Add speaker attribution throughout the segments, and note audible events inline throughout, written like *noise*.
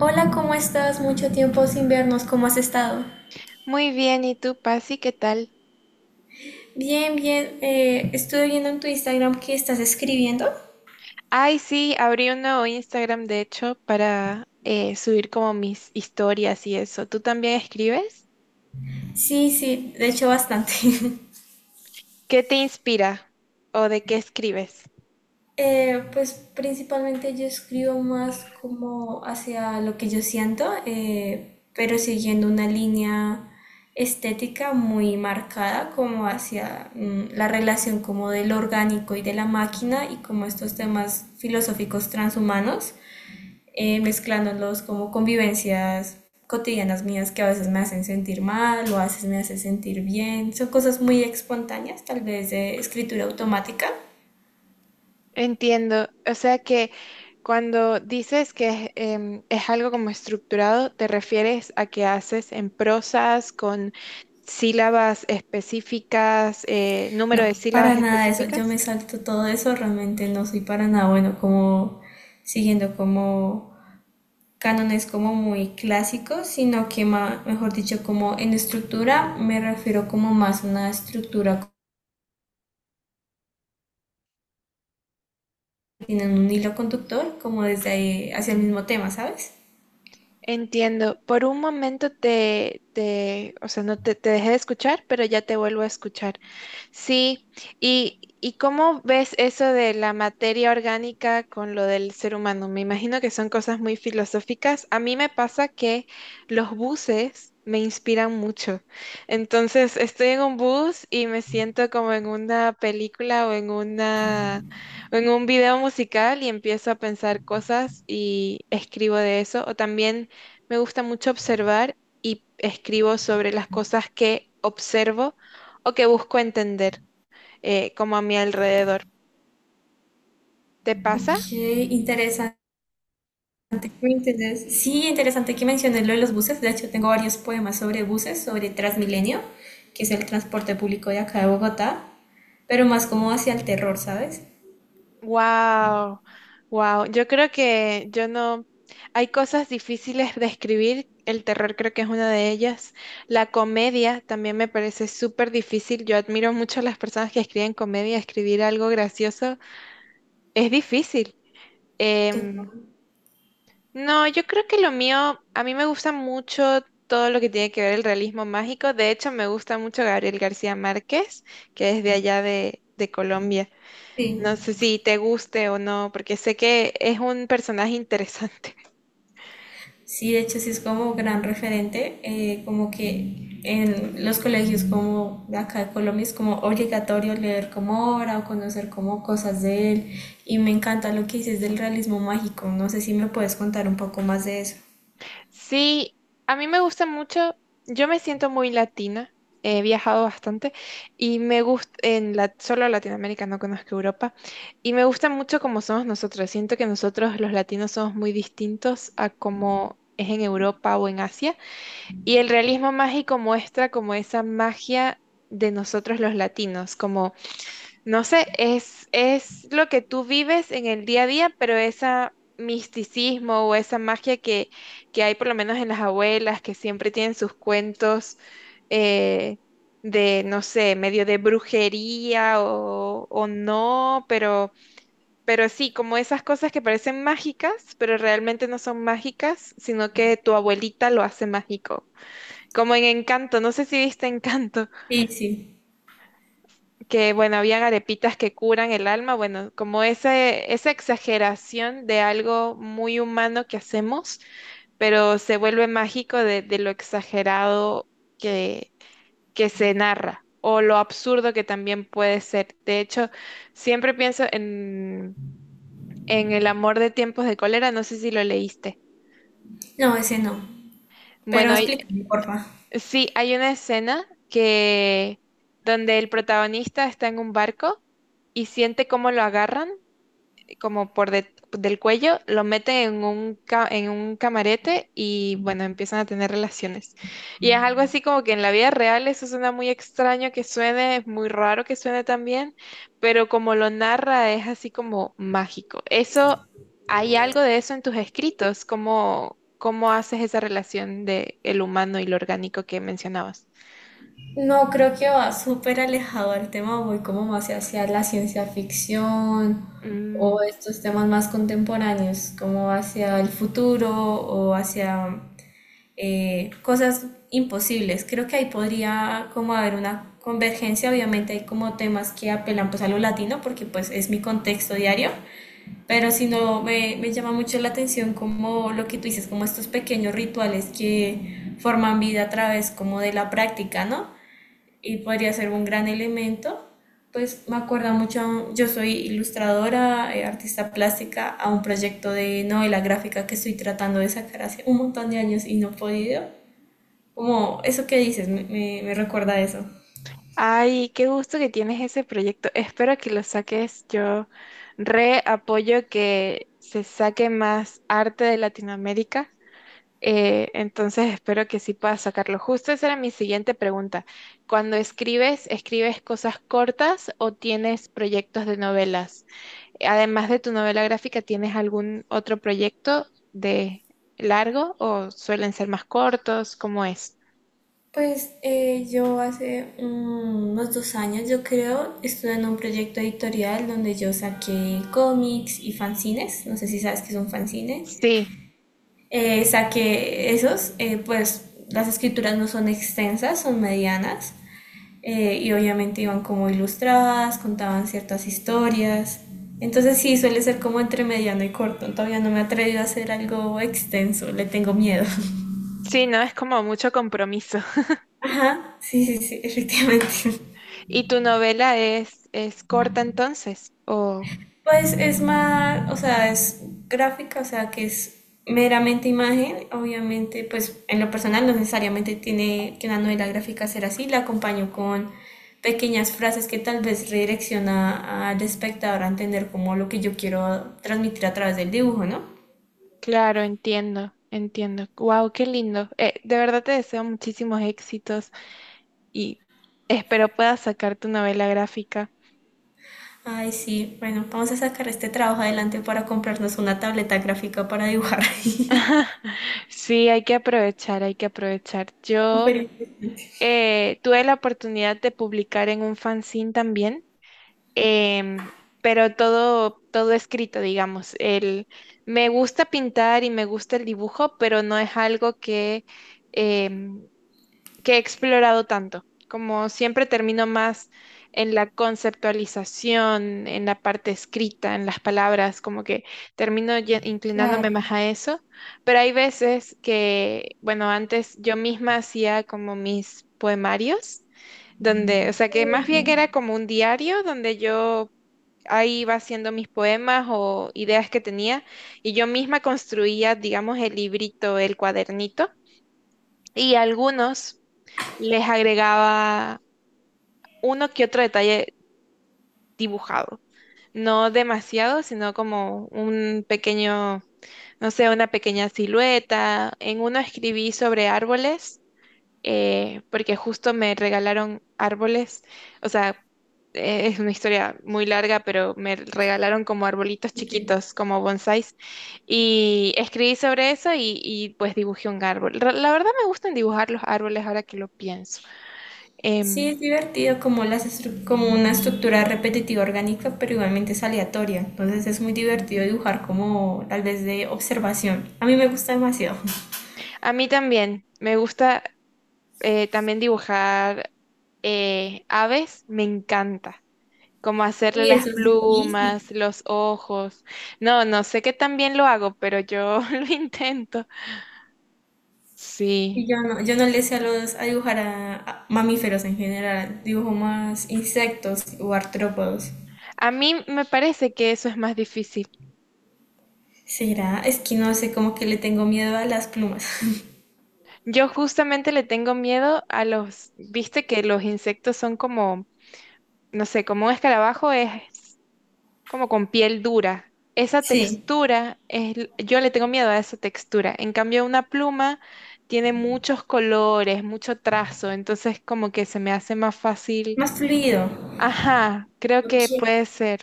Speaker 1: Hola, ¿cómo estás? Mucho tiempo sin vernos, ¿cómo has estado?
Speaker 2: Muy bien, ¿y tú, Pasi, qué tal?
Speaker 1: Bien, bien. Estuve viendo en tu Instagram que estás escribiendo.
Speaker 2: Ay, sí, abrí un nuevo Instagram, de hecho, para subir como mis historias y eso. ¿Tú también escribes?
Speaker 1: Sí, sí, de hecho bastante. *laughs*
Speaker 2: ¿Qué te inspira o de qué escribes?
Speaker 1: Pues principalmente yo escribo más como hacia lo que yo siento, pero siguiendo una línea estética muy marcada como hacia la relación como del orgánico y de la máquina y como estos temas filosóficos transhumanos. Mezclándolos como convivencias cotidianas mías que a veces me hacen sentir mal o a veces me hacen sentir bien. Son cosas muy espontáneas, tal vez de escritura automática.
Speaker 2: Entiendo, o sea que cuando dices que es, es algo como estructurado, ¿te refieres a que haces en prosas con sílabas específicas, número
Speaker 1: No,
Speaker 2: de sílabas
Speaker 1: para nada eso. Yo
Speaker 2: específicas?
Speaker 1: me salto todo eso, realmente no soy para nada bueno como siguiendo como cánones como muy clásicos, sino que mejor dicho, como en estructura me refiero como más a una estructura que tiene un hilo conductor, como desde ahí hacia el mismo tema, ¿sabes?
Speaker 2: Entiendo. Por un momento o sea, no te, te dejé de escuchar, pero ya te vuelvo a escuchar. Sí, ¿y cómo ves eso de la materia orgánica con lo del ser humano? Me imagino que son cosas muy filosóficas. A mí me pasa que los buses me inspiran mucho. Entonces, estoy en un bus y me siento como en una película o en un video musical y empiezo a pensar cosas y escribo de eso. O también me gusta mucho observar y escribo sobre las cosas que observo o que busco entender como a mi alrededor. ¿Te pasa?
Speaker 1: Ok, interesante. Muy interesante. Sí, interesante que menciones lo de los buses. De hecho, tengo varios poemas sobre buses, sobre Transmilenio, que es el transporte público de acá de Bogotá, pero más como hacia el terror, ¿sabes?
Speaker 2: Wow, wow. Yo creo que yo no... Hay cosas difíciles de escribir. El terror creo que es una de ellas. La comedia también me parece súper difícil. Yo admiro mucho a las personas que escriben comedia. Escribir algo gracioso es difícil. Em,
Speaker 1: Total.
Speaker 2: no, yo creo que lo mío, a mí me gusta mucho todo lo que tiene que ver el realismo mágico. De hecho, me gusta mucho Gabriel García Márquez, que es de allá de Colombia.
Speaker 1: Sí.
Speaker 2: No sé si te guste o no, porque sé que es un personaje interesante. *laughs*
Speaker 1: Sí, de hecho sí es como gran referente, como que en los colegios como de acá de Colombia es como obligatorio leer como obra o conocer como cosas de él. Y me encanta lo que dices del realismo mágico. No sé si me puedes contar un poco más de eso.
Speaker 2: Sí, a mí me gusta mucho. Yo me siento muy latina. He viajado bastante y me gusta en la, solo Latinoamérica, no conozco Europa. Y me gusta mucho cómo somos nosotros. Siento que nosotros los latinos somos muy distintos a cómo es en Europa o en Asia. Y el realismo mágico muestra como esa magia de nosotros los latinos, como no sé, es lo que tú vives en el día a día, pero ese misticismo o esa magia que hay por lo menos en las abuelas, que siempre tienen sus cuentos eh, de, no sé, medio de brujería o no, pero sí, como esas cosas que parecen mágicas, pero realmente no son mágicas, sino que tu abuelita lo hace mágico. Como en Encanto, no sé si viste Encanto,
Speaker 1: Sí, sí.
Speaker 2: que bueno, habían arepitas que curan el alma, bueno, como ese, esa exageración de algo muy humano que hacemos, pero se vuelve mágico de lo exagerado que, que se narra o lo absurdo que también puede ser. De hecho, siempre pienso en El amor de tiempos de cólera, no sé si lo leíste.
Speaker 1: No, ese no. Pero
Speaker 2: Bueno,
Speaker 1: explícame, porfa.
Speaker 2: sí, hay una escena que donde el protagonista está en un barco y siente cómo lo agarran como por del cuello, lo meten en un, en un camarete y bueno, empiezan a tener relaciones. Y es algo así como que en la vida real eso suena muy extraño que suene, es muy raro que suene también, pero como lo narra es así como mágico. Eso, ¿hay algo de eso en tus escritos? ¿Cómo, cómo haces esa relación de el humano y lo orgánico que mencionabas?
Speaker 1: No, creo que va súper alejado al tema, voy como más hacia la ciencia ficción
Speaker 2: Mm.
Speaker 1: o estos temas más contemporáneos, como hacia el futuro o hacia cosas imposibles. Creo que ahí podría como haber una convergencia, obviamente hay como temas que apelan pues a lo latino porque pues es mi contexto diario. Pero si no, me llama mucho la atención como lo que tú dices, como estos pequeños rituales que forman vida a través como de la práctica, ¿no? Y podría ser un gran elemento. Pues me acuerda mucho, yo soy ilustradora, artista plástica, a un proyecto de novela gráfica que estoy tratando de sacar hace un montón de años y no he podido. Como eso que dices, me recuerda a eso.
Speaker 2: Ay, qué gusto que tienes ese proyecto. Espero que lo saques. Yo re apoyo que se saque más arte de Latinoamérica. Entonces espero que sí puedas sacarlo. Justo esa era mi siguiente pregunta. Cuando escribes, ¿escribes cosas cortas o tienes proyectos de novelas? Además de tu novela gráfica, ¿tienes algún otro proyecto de largo o suelen ser más cortos? ¿Cómo es?
Speaker 1: Pues yo hace unos 2 años, yo creo, estuve en un proyecto editorial donde yo saqué cómics y fanzines, no sé si sabes qué es un fanzine.
Speaker 2: Sí,
Speaker 1: Saqué esos, pues las escrituras no son extensas, son medianas, y obviamente iban como ilustradas, contaban ciertas historias, entonces sí, suele ser como entre mediano y corto, todavía no me he atrevido a hacer algo extenso, le tengo miedo. *laughs*
Speaker 2: sí, no es como mucho compromiso.
Speaker 1: Ajá, sí, sí, sí, *laughs* efectivamente.
Speaker 2: ¿Y tu novela es corta entonces? Oh,
Speaker 1: Pues es más, o sea, es gráfica, o sea, que es meramente imagen. Obviamente, pues en lo personal no necesariamente tiene que una novela gráfica ser así. La acompaño con pequeñas frases que tal vez redirecciona al espectador a entender como lo que yo quiero transmitir a través del dibujo, ¿no?
Speaker 2: claro, entiendo, entiendo. Wow, qué lindo. De verdad te deseo muchísimos éxitos y espero puedas sacar tu novela gráfica.
Speaker 1: Ay, sí, bueno, vamos a sacar este trabajo adelante para comprarnos una tableta gráfica para dibujar. *laughs*
Speaker 2: *laughs* Sí, hay que aprovechar, hay que aprovechar. Yo
Speaker 1: Pero,
Speaker 2: tuve la oportunidad de publicar en un fanzine también, em, pero todo, todo escrito, digamos. El, me gusta pintar y me gusta el dibujo, pero no es algo que em, que he explorado tanto. Como siempre termino más en la conceptualización, en la parte escrita, en las palabras, como que termino inclinándome
Speaker 1: claro.
Speaker 2: más a eso. Pero hay veces que, bueno, antes yo misma hacía como mis poemarios, donde, o sea, que más bien era como un diario donde yo ahí iba haciendo mis poemas o ideas que tenía y yo misma construía, digamos, el librito, el cuadernito y algunos les agregaba uno que otro detalle dibujado. No demasiado, sino como un pequeño, no sé, una pequeña silueta. En uno escribí sobre árboles, porque justo me regalaron árboles. O sea, es una historia muy larga, pero me regalaron como arbolitos
Speaker 1: Ok.
Speaker 2: chiquitos, como bonsáis. Y escribí sobre eso y, pues dibujé un árbol. La verdad me gustan dibujar los árboles ahora que lo pienso.
Speaker 1: Sí,
Speaker 2: Em,
Speaker 1: es divertido como, como una estructura repetitiva orgánica, pero igualmente es aleatoria. Entonces es muy divertido dibujar como tal vez de observación. A mí me gusta demasiado. *laughs*
Speaker 2: a mí también. Me gusta también dibujar aves. Me encanta. Como hacerle
Speaker 1: Y
Speaker 2: las
Speaker 1: eso es
Speaker 2: plumas,
Speaker 1: difícil.
Speaker 2: los ojos. No, no sé que también lo hago, pero yo *laughs* lo intento.
Speaker 1: Y
Speaker 2: Sí.
Speaker 1: yo no, yo no le sé a los a dibujar a mamíferos en general. Dibujo más insectos o artrópodos.
Speaker 2: A mí me parece que eso es más difícil.
Speaker 1: Será, es que no sé, como que le tengo miedo a las plumas. *laughs*
Speaker 2: Yo justamente le tengo miedo a los, viste que los insectos son como, no sé, como un escarabajo es como con piel dura. Esa
Speaker 1: Sí,
Speaker 2: textura, yo le tengo miedo a esa textura. En cambio, una pluma tiene muchos colores, mucho trazo, entonces como que se me hace más fácil.
Speaker 1: más fluido.
Speaker 2: Ajá, creo
Speaker 1: Ok.
Speaker 2: que puede ser.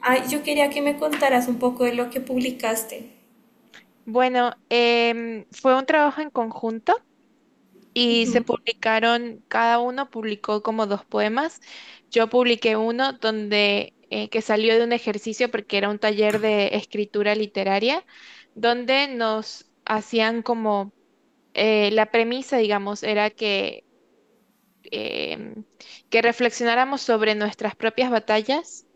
Speaker 1: Ay, yo quería que me contaras un poco de lo que publicaste.
Speaker 2: Bueno, fue un trabajo en conjunto. Y se publicaron, cada uno publicó como dos poemas. Yo publiqué uno donde que salió de un ejercicio porque era un taller de escritura literaria, donde nos hacían como la premisa, digamos, era que, em, que reflexionáramos sobre nuestras propias batallas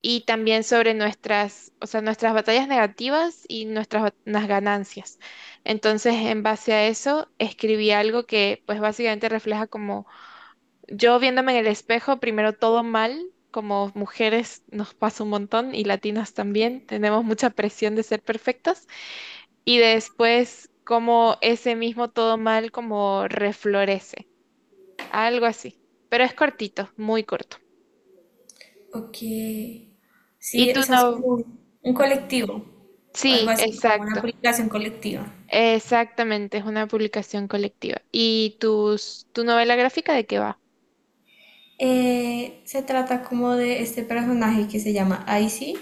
Speaker 2: y también sobre nuestras, o sea, nuestras batallas negativas y nuestras ganancias. Entonces, en base a eso, escribí algo que pues básicamente refleja como yo viéndome en el espejo, primero todo mal, como mujeres nos pasa un montón y latinas también, tenemos mucha presión de ser perfectas y después como ese mismo todo mal como reflorece, algo así. Pero es cortito, muy corto.
Speaker 1: Ok.
Speaker 2: Y
Speaker 1: Sí,
Speaker 2: tú
Speaker 1: o sea, es
Speaker 2: no,
Speaker 1: como un colectivo, o algo
Speaker 2: sí,
Speaker 1: así, como una
Speaker 2: exacto.
Speaker 1: aplicación colectiva.
Speaker 2: Exactamente, es una publicación colectiva. ¿Y tus, tu novela gráfica de qué va?
Speaker 1: Se trata como de este personaje que se llama Icy,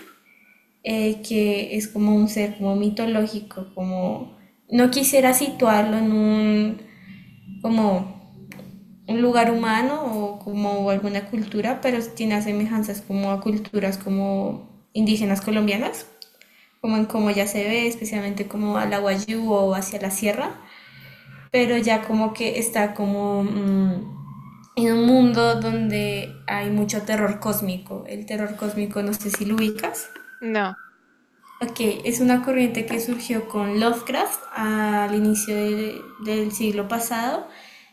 Speaker 1: que es como un ser como mitológico, como no quisiera situarlo en un como un lugar humano o como alguna cultura, pero tiene semejanzas como a culturas como indígenas colombianas, como en cómo ya se ve, especialmente como a la Wayuu o hacia la sierra. Pero ya como que está como en un mundo donde hay mucho terror cósmico. El terror cósmico no sé si lo ubicas.
Speaker 2: No.
Speaker 1: Ok, es una corriente que surgió con Lovecraft al inicio del siglo pasado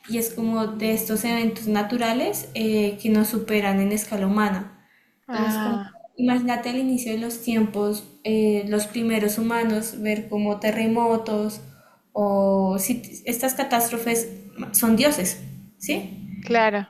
Speaker 1: y es como de estos eventos naturales que nos superan en escala humana. Entonces, como,
Speaker 2: Ah,
Speaker 1: imagínate el inicio de los tiempos, los primeros humanos, ver como terremotos o si estas catástrofes son dioses, ¿sí?
Speaker 2: claro,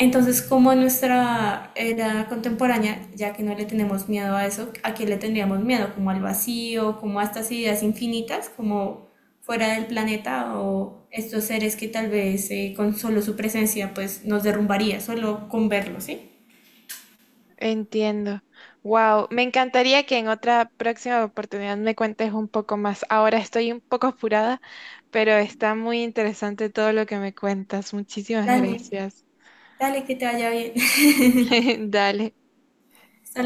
Speaker 1: Entonces, como en nuestra era contemporánea, ya que no le tenemos miedo a eso, ¿a qué le tendríamos miedo? Como al vacío, como a estas ideas infinitas, como fuera del planeta o estos seres que tal vez con solo su presencia pues nos derrumbaría, solo con verlos, ¿sí?
Speaker 2: entiendo. Wow, me encantaría que en otra próxima oportunidad me cuentes un poco más. Ahora estoy un poco apurada, pero está muy interesante todo lo que me cuentas. Muchísimas
Speaker 1: Dale,
Speaker 2: gracias.
Speaker 1: dale, que te vaya bien.
Speaker 2: *laughs* Dale.